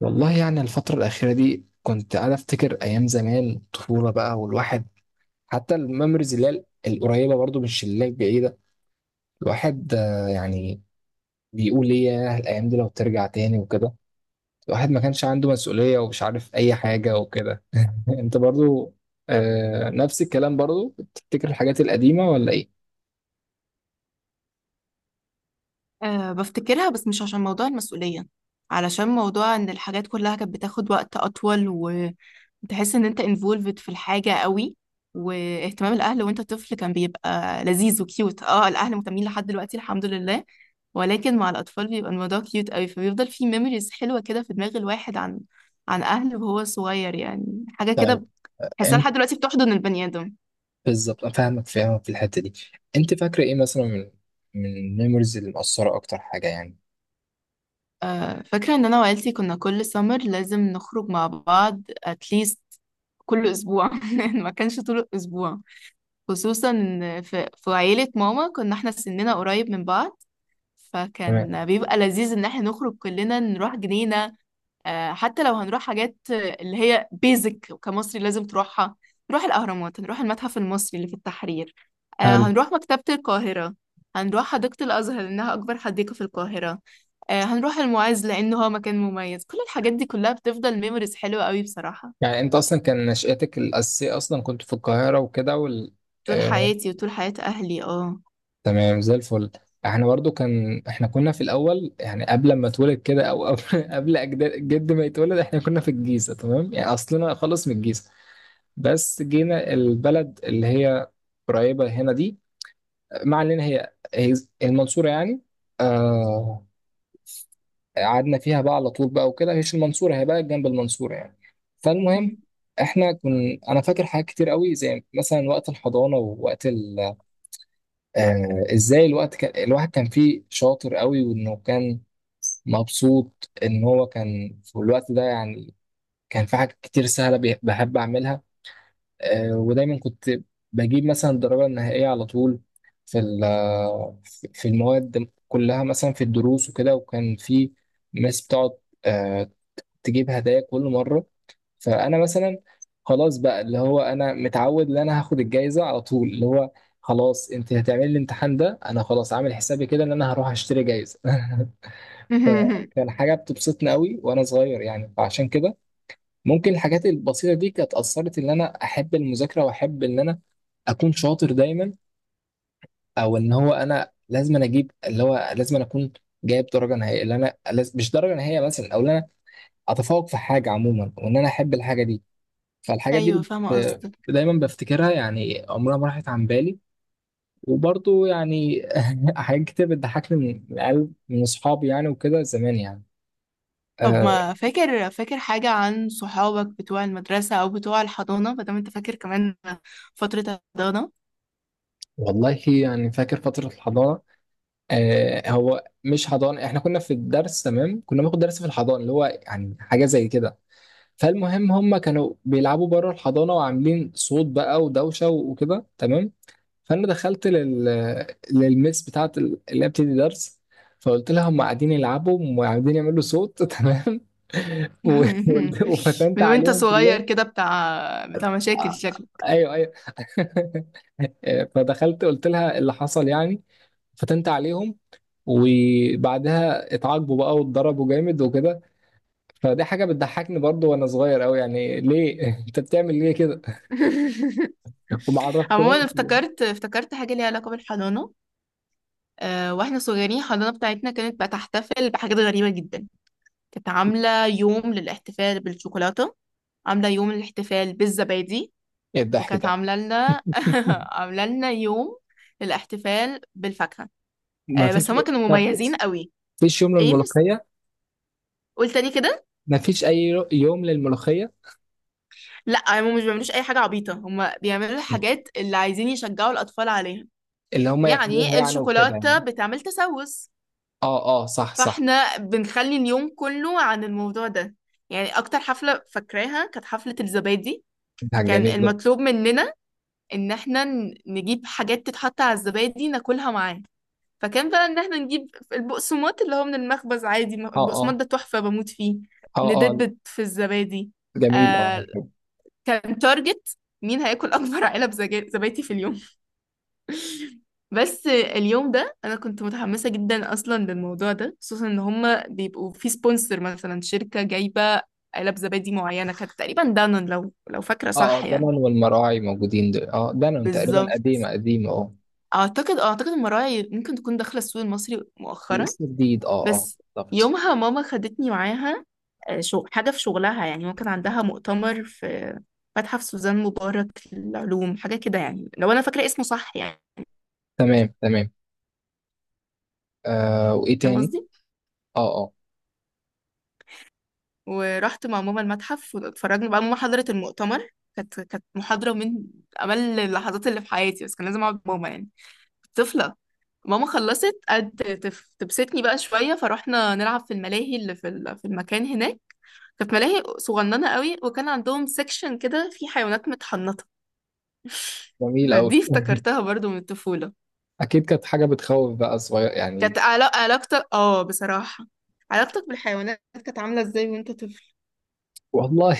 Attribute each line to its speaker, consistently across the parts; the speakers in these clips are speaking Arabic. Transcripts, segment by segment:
Speaker 1: والله يعني الفترة الأخيرة دي كنت قاعد أفتكر أيام زمان، طفولة بقى، والواحد حتى الميموريز اللي هي القريبة برضو، مش اللي هي البعيدة. الواحد يعني بيقول إيه، ياه الأيام دي لو ترجع تاني وكده. الواحد ما كانش عنده مسؤولية ومش عارف أي حاجة وكده. أنت برضو آه، نفس الكلام، برضو بتفتكر الحاجات القديمة ولا إيه؟
Speaker 2: أه بفتكرها، بس مش عشان موضوع المسؤولية، علشان موضوع ان الحاجات كلها كانت بتاخد وقت اطول، وتحس ان انت involved في الحاجة قوي. واهتمام الاهل وانت طفل كان بيبقى لذيذ وكيوت. اه، الاهل مهتمين لحد دلوقتي الحمد لله، ولكن مع الاطفال بيبقى الموضوع كيوت قوي، فبيفضل في ميموريز حلوة كده في دماغ الواحد عن اهله وهو صغير، يعني حاجة
Speaker 1: طيب.
Speaker 2: كده. بحسها
Speaker 1: أنت
Speaker 2: لحد دلوقتي بتحضن البني آدم.
Speaker 1: بالظبط أنا فاهمك في الحتة دي. أنت فاكرة إيه مثلا من الميموريز اللي مأثرة أكتر حاجة يعني؟
Speaker 2: فاكرة ان انا وعيلتي كنا كل سمر لازم نخرج مع بعض اتليست كل اسبوع ما كانش طول الاسبوع، خصوصا ان في عيلة ماما كنا احنا سننا قريب من بعض،
Speaker 1: تمام.
Speaker 2: فكان بيبقى لذيذ ان احنا نخرج كلنا نروح جنينة. حتى لو هنروح حاجات، اللي هي بيزك كمصري لازم تروحها، نروح الأهرامات، هنروح المتحف المصري اللي في التحرير،
Speaker 1: حلو.
Speaker 2: هنروح مكتبة القاهرة. هنروح حديقة الأزهر لأنها أكبر حديقة في القاهرة. هنروح المعز لأنه هو مكان مميز. كل الحاجات دي كلها بتفضل ميموريز حلوة قوي بصراحة.
Speaker 1: يعني انت اصلا كان نشأتك الاساسيه اصلا كنت في القاهره وكده، وال...
Speaker 2: طول
Speaker 1: آه،
Speaker 2: حياتي وطول حياة أهلي اه.
Speaker 1: تمام زي الفل. احنا برضو كان احنا كنا في الاول، يعني قبل ما اتولد كده او قبل قبل اجداد جد ما يتولد احنا كنا في الجيزه، تمام، يعني اصلنا خالص من الجيزه. بس جينا البلد اللي هي قريبه هنا دي، مع ان هي هي المنصوره يعني. آه. قعدنا فيها بقى على طول بقى وكده، هيش المنصورة، هي بقى جنب المنصورة يعني. فالمهم،
Speaker 2: مم.
Speaker 1: احنا كن انا فاكر حاجات كتير قوي، زي مثلا وقت الحضانة ووقت ال... ازاي الوقت كان... الواحد كان فيه شاطر قوي، وانه كان مبسوط ان هو كان في الوقت ده يعني. كان في حاجات كتير سهلة بحب اعملها. ودايما كنت بجيب مثلا الدرجة النهائية على طول في في المواد كلها، مثلا في الدروس وكده. وكان في ناس بتقعد آه، تجيب هدايا كل مرة. فأنا مثلا، خلاص بقى، اللي هو أنا متعود إن أنا هاخد الجايزة على طول، اللي هو خلاص، أنت هتعملي الامتحان ده، أنا خلاص عامل حسابي كده إن أنا هروح أشتري جايزة. فكان حاجة بتبسطني قوي وأنا صغير يعني. فعشان كده ممكن الحاجات البسيطة دي كانت أثرت إن أنا أحب المذاكرة، وأحب إن أنا أكون شاطر دايما، أو إن هو أنا لازم أنا أجيب، اللي هو لازم أنا أكون جايب درجة نهائية، اللي أنا مش درجة نهائية مثلا، أو إن أنا أتفوق في حاجة عموما، وإن أنا أحب الحاجة دي. فالحاجات دي
Speaker 2: أيوة،
Speaker 1: بت...
Speaker 2: فاهمة قصدك.
Speaker 1: دايما بفتكرها يعني، عمرها ما راحت عن بالي. وبرضه يعني حاجات كتير بتضحكني من قلب، من اصحابي يعني وكده زمان يعني.
Speaker 2: طب
Speaker 1: أه.
Speaker 2: ما فاكر حاجة عن صحابك بتوع المدرسة أو بتوع الحضانة، مادام أنت فاكر كمان فترة الحضانة؟
Speaker 1: والله يعني فاكر فترة الحضانة. أه، هو مش حضانة، احنا كنا في الدرس، تمام، كنا بناخد درس في الحضانة اللي هو يعني حاجة زي كده. فالمهم، هم كانوا بيلعبوا بره الحضانة وعاملين صوت بقى ودوشة وكده، تمام. فانا دخلت للميس بتاعت اللي هي بتدي درس، فقلت لها هم قاعدين يلعبوا وقاعدين يعملوا صوت. تمام. و- وفتنت
Speaker 2: من وانت
Speaker 1: عليهم
Speaker 2: صغير
Speaker 1: كلهم.
Speaker 2: كده بتاع مشاكل
Speaker 1: آه،
Speaker 2: شكلك.
Speaker 1: ايوه ايوه. فدخلت قلت لها اللي حصل يعني، فتنت عليهم. وبعدها اتعاقبوا بقى واتضربوا جامد وكده. فدي حاجه بتضحكني برضو وانا صغير قوي يعني، ليه؟ انت بتعمل ليه كده؟ وما
Speaker 2: عموما
Speaker 1: عرفتهمش يعني.
Speaker 2: افتكرت حاجة ليها علاقة بالحضانة. أه، واحنا صغيرين الحضانة بتاعتنا كانت بتحتفل بحاجات غريبة جدا. كانت عاملة يوم للاحتفال بالشوكولاتة، عاملة يوم للاحتفال بالزبادي،
Speaker 1: ايه الضحك
Speaker 2: وكانت
Speaker 1: ده؟
Speaker 2: عاملة لنا عاملة لنا يوم للاحتفال بالفاكهة.
Speaker 1: ما
Speaker 2: أه، بس
Speaker 1: فيش.
Speaker 2: هما كانوا
Speaker 1: طب،
Speaker 2: مميزين قوي.
Speaker 1: مفيش يوم
Speaker 2: ايه مس،
Speaker 1: للملوخية؟
Speaker 2: قول تاني كده.
Speaker 1: مفيش اي يوم للملوخيه.
Speaker 2: لا، هم مش بيعملوش اي حاجه عبيطه، هم بيعملوا الحاجات اللي عايزين يشجعوا الاطفال عليها.
Speaker 1: اللي هم ياخدوها
Speaker 2: يعني
Speaker 1: يعني وكده
Speaker 2: الشوكولاته
Speaker 1: يعني.
Speaker 2: بتعمل تسوس،
Speaker 1: اه اه، صح صح.
Speaker 2: فاحنا بنخلي اليوم كله عن الموضوع ده. يعني اكتر حفله فاكراها كانت حفله الزبادي.
Speaker 1: ده
Speaker 2: كان
Speaker 1: جميل ده.
Speaker 2: المطلوب مننا ان احنا نجيب حاجات تتحط على الزبادي ناكلها معاه. فكان بقى ان احنا نجيب البقسماط اللي هو من المخبز عادي،
Speaker 1: اه
Speaker 2: البقسماط
Speaker 1: اه.
Speaker 2: ده تحفه بموت فيه،
Speaker 1: اه اه.
Speaker 2: ندبت في الزبادي.
Speaker 1: جميل اه.
Speaker 2: آه، كان تارجت مين هياكل اكبر علب زبادي في اليوم. بس اليوم ده انا كنت متحمسه جدا اصلا للموضوع ده، خصوصا ان هما بيبقوا في سبونسر، مثلا شركه جايبه علب زبادي معينه، كانت تقريبا دانون، لو فاكره
Speaker 1: اه
Speaker 2: صح
Speaker 1: اه.
Speaker 2: يعني.
Speaker 1: دانون والمراعي موجودين دول، اه دانون تقريبا
Speaker 2: بالظبط.
Speaker 1: قديمه قديمه اه.
Speaker 2: اعتقد المراعي ممكن تكون داخله السوق المصري مؤخرا.
Speaker 1: لسه جديد اه اه.
Speaker 2: بس
Speaker 1: بالظبط.
Speaker 2: يومها ماما خدتني معاها. شو حاجه في شغلها، يعني ممكن عندها مؤتمر في متحف سوزان مبارك للعلوم حاجه كده يعني، لو انا فاكره اسمه صح يعني.
Speaker 1: تمام تمام. آه، وايه
Speaker 2: فاهم
Speaker 1: تاني؟
Speaker 2: قصدي؟
Speaker 1: اه اه.
Speaker 2: ورحت مع ماما المتحف واتفرجنا بقى، ماما حضرت المؤتمر. كانت محاضرة من أمل اللحظات اللي في حياتي، بس كان لازم أقعد مع ماما، يعني كنت طفلة. ماما خلصت، قعدت تبسطني بقى شوية، فروحنا نلعب في الملاهي اللي في في المكان هناك. كانت ملاهي صغننة قوي، وكان عندهم سيكشن كده فيه حيوانات متحنطة.
Speaker 1: جميل قوي.
Speaker 2: فدي افتكرتها برضو من الطفولة.
Speaker 1: اكيد كانت حاجه بتخوف بقى صغير يعني.
Speaker 2: كانت علاقتك، اه، بصراحة، علاقتك بالحيوانات كانت عاملة ازاي وانت طفل؟
Speaker 1: والله.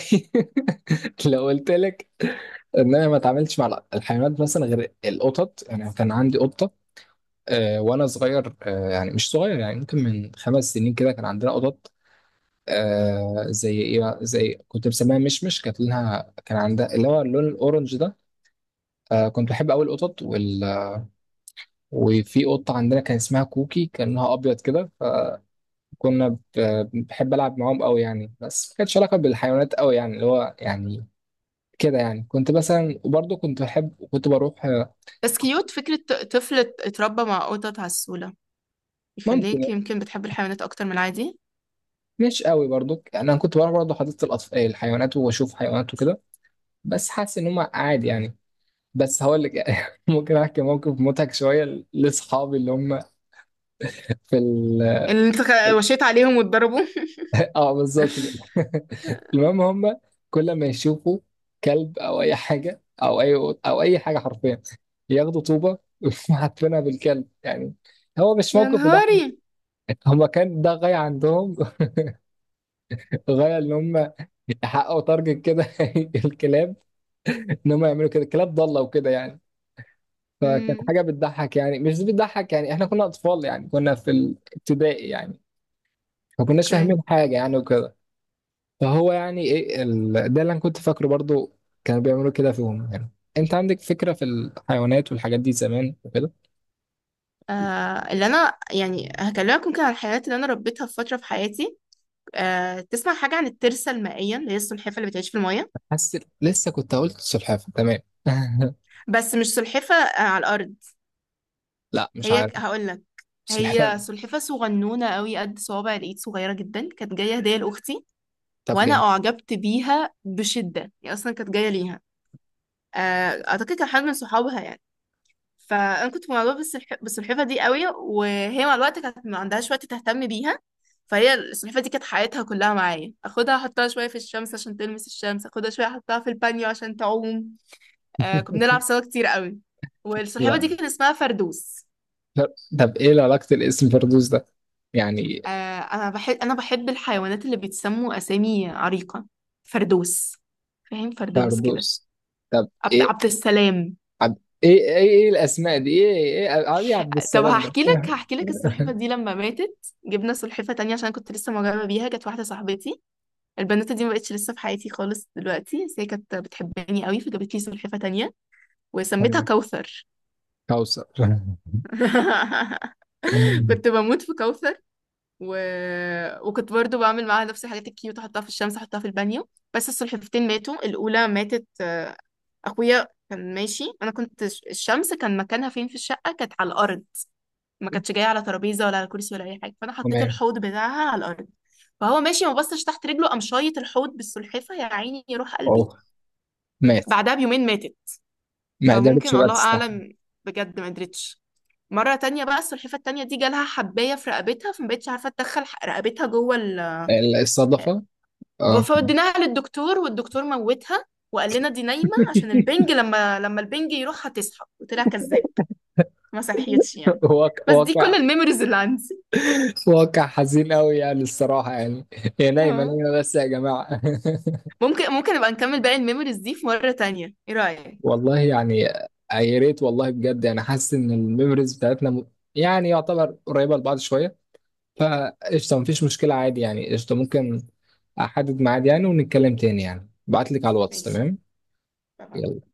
Speaker 1: لو قلت لك ان انا ما اتعاملتش مع الحيوانات مثلا غير القطط يعني، كان عندي قطه وانا صغير، يعني مش صغير يعني، ممكن من خمس سنين كده كان عندنا قطط. زي ايه بقى؟ زي كنت مسميها مشمش، كانت لونها كان عندها اللي هو اللون الاورنج ده. كنت بحب قوي القطط وال... وفي قطه عندنا كان اسمها كوكي، كان لونها ابيض كده، فكنا ب... بحب العب معاهم قوي يعني. بس ما كانتش علاقه بالحيوانات قوي يعني، اللي هو يعني كده يعني. كنت مثلا، وبرضه كنت بحب، كنت بروح آه.
Speaker 2: بس كيوت فكرة طفل اتربى مع قطط عسولة،
Speaker 1: ممكن
Speaker 2: يخليك
Speaker 1: يعني.
Speaker 2: يمكن بتحب الحيوانات أكتر من العادي.
Speaker 1: مش قوي برضه يعني، انا كنت بروح برضه حديقه الاطفال، الحيوانات، واشوف حيوانات وكده، بس حاسس ان هم عادي يعني. بس هقول لك. ممكن احكي موقف مضحك شويه لاصحابي، اللي هم في ال...
Speaker 2: اللي انت وشيت عليهم واتضربوا.
Speaker 1: اه، بالظبط كده. المهم، هم كل ما يشوفوا كلب او اي حاجه، او اي، او اي حاجه حرفيا، ياخدوا طوبه وحاطينها بالكلب يعني. هو مش
Speaker 2: يا
Speaker 1: موقف يضحك.
Speaker 2: نهاري.
Speaker 1: هم كان ده غايه عندهم، غايه ان هم يحققوا تارجت كده. الكلاب، ان هم يعملوا كده، الكلاب ضاله وكده يعني. فكانت
Speaker 2: امم.
Speaker 1: حاجه بتضحك يعني، مش بتضحك يعني، احنا كنا اطفال يعني، كنا في الابتدائي يعني، ما كناش
Speaker 2: اوكي.
Speaker 1: فاهمين حاجه يعني وكده. فهو يعني ايه ال... ده اللي انا كنت فاكره برضو، كانوا بيعملوا كده فيهم يعني. انت عندك فكره في الحيوانات والحاجات دي زمان وكده؟
Speaker 2: آه، اللي انا يعني هكلمك ممكن عن الحيوانات اللي انا ربيتها في فتره في حياتي. آه، تسمع حاجه عن الترسه المائيه اللي هي السلحفه اللي بتعيش في الميه؟
Speaker 1: حاسس لسه كنت قلت سلحفاه، تمام.
Speaker 2: بس مش سلحفه على الارض.
Speaker 1: لا مش
Speaker 2: هي
Speaker 1: عارف.
Speaker 2: هقول لك. هي
Speaker 1: سلحفاه.
Speaker 2: سلحفه صغنونه قوي قد صوابع الايد صغيره جدا، كانت جايه هديه لاختي.
Speaker 1: طب
Speaker 2: وانا
Speaker 1: جميل.
Speaker 2: اعجبت بيها بشده، هي اصلا كانت جايه ليها، اعتقد كان حد من صحابها يعني. فانا كنت معجبه بالسلحفه دي قوي، وهي مع الوقت كانت ما عندهاش وقت تهتم بيها. فهي السلحفه دي كانت حياتها كلها معايا، اخدها احطها شويه في الشمس عشان تلمس الشمس، اخدها شويه احطها في البانيو عشان تعوم. كنا بنلعب سوا كتير قوي. والسلحفه
Speaker 1: لا.
Speaker 2: دي كان اسمها فردوس.
Speaker 1: طب طب، ايه علاقه الاسم فردوس ده يعني؟
Speaker 2: آه، انا بحب الحيوانات اللي بيتسموا اسامي عريقه. فردوس، فاهم فردوس كده؟
Speaker 1: فردوس. طب
Speaker 2: عبد
Speaker 1: ايه،
Speaker 2: عبد السلام.
Speaker 1: عب... ايه ايه ايه الاسماء دي ايه، ايه ايه عبد
Speaker 2: طب
Speaker 1: السلام ده؟
Speaker 2: هحكي لك السلحفة دي لما ماتت. جبنا سلحفة تانية عشان كنت لسه معجبة بيها، كانت واحدة صاحبتي، البنوتة دي ما بقتش لسه في حياتي خالص دلوقتي، بس هي كانت بتحبني قوي فجابت لي سلحفة تانية وسميتها
Speaker 1: تمام.
Speaker 2: كوثر.
Speaker 1: كوثر. تمام.
Speaker 2: كنت بموت في كوثر. و... وكنت برضو بعمل معاها نفس الحاجات الكيوت، احطها في الشمس احطها في البانيو. بس السلحفتين ماتوا. الاولى ماتت، اخويا كان ماشي، انا كنت، الشمس كان مكانها فين في الشقة، كانت على الارض، ما كانتش جايه على ترابيزه ولا على كرسي ولا اي حاجه، فانا حطيت الحوض بتاعها على الارض. فهو ماشي، ما بصش تحت رجله، قام شايط الحوض بالسلحفه، يا عيني، يروح قلبي.
Speaker 1: اوه، مات؟
Speaker 2: بعدها بيومين ماتت.
Speaker 1: ما قدرتش
Speaker 2: فممكن،
Speaker 1: بقى
Speaker 2: الله
Speaker 1: تستحمل.
Speaker 2: اعلم. بجد ما قدرتش. مره تانية بقى السلحفه التانية دي جالها حبايه في رقبتها، فما بقتش عارفه تدخل رقبتها جوه.
Speaker 1: الصدفة. اه. تمام.
Speaker 2: فوديناها للدكتور والدكتور موتها. وقال لنا دي نايمه عشان البنج، لما البنج يروح هتصحى، وطلع كذاب، ما صحيتش يعني.
Speaker 1: واقع.
Speaker 2: بس دي
Speaker 1: واقع،
Speaker 2: كل الميموريز اللي عندي.
Speaker 1: واقع حزين قوي يعني الصراحة يعني. هي نايمة نايمة بس يا جماعة.
Speaker 2: ممكن نبقى نكمل باقي الميموريز دي في مرة تانية، ايه رأيك؟
Speaker 1: والله يعني، يا ريت والله بجد يعني. حاسس ان الميموريز بتاعتنا م- يعني يعتبر قريبة لبعض شوية، فقشطة، مفيش مشكلة عادي يعني، قشطة ممكن أحدد ميعاد يعني ونتكلم تاني يعني، بعتلك على الواتس،
Speaker 2: ماشي،
Speaker 1: تمام.
Speaker 2: اتفقنا.
Speaker 1: يلا.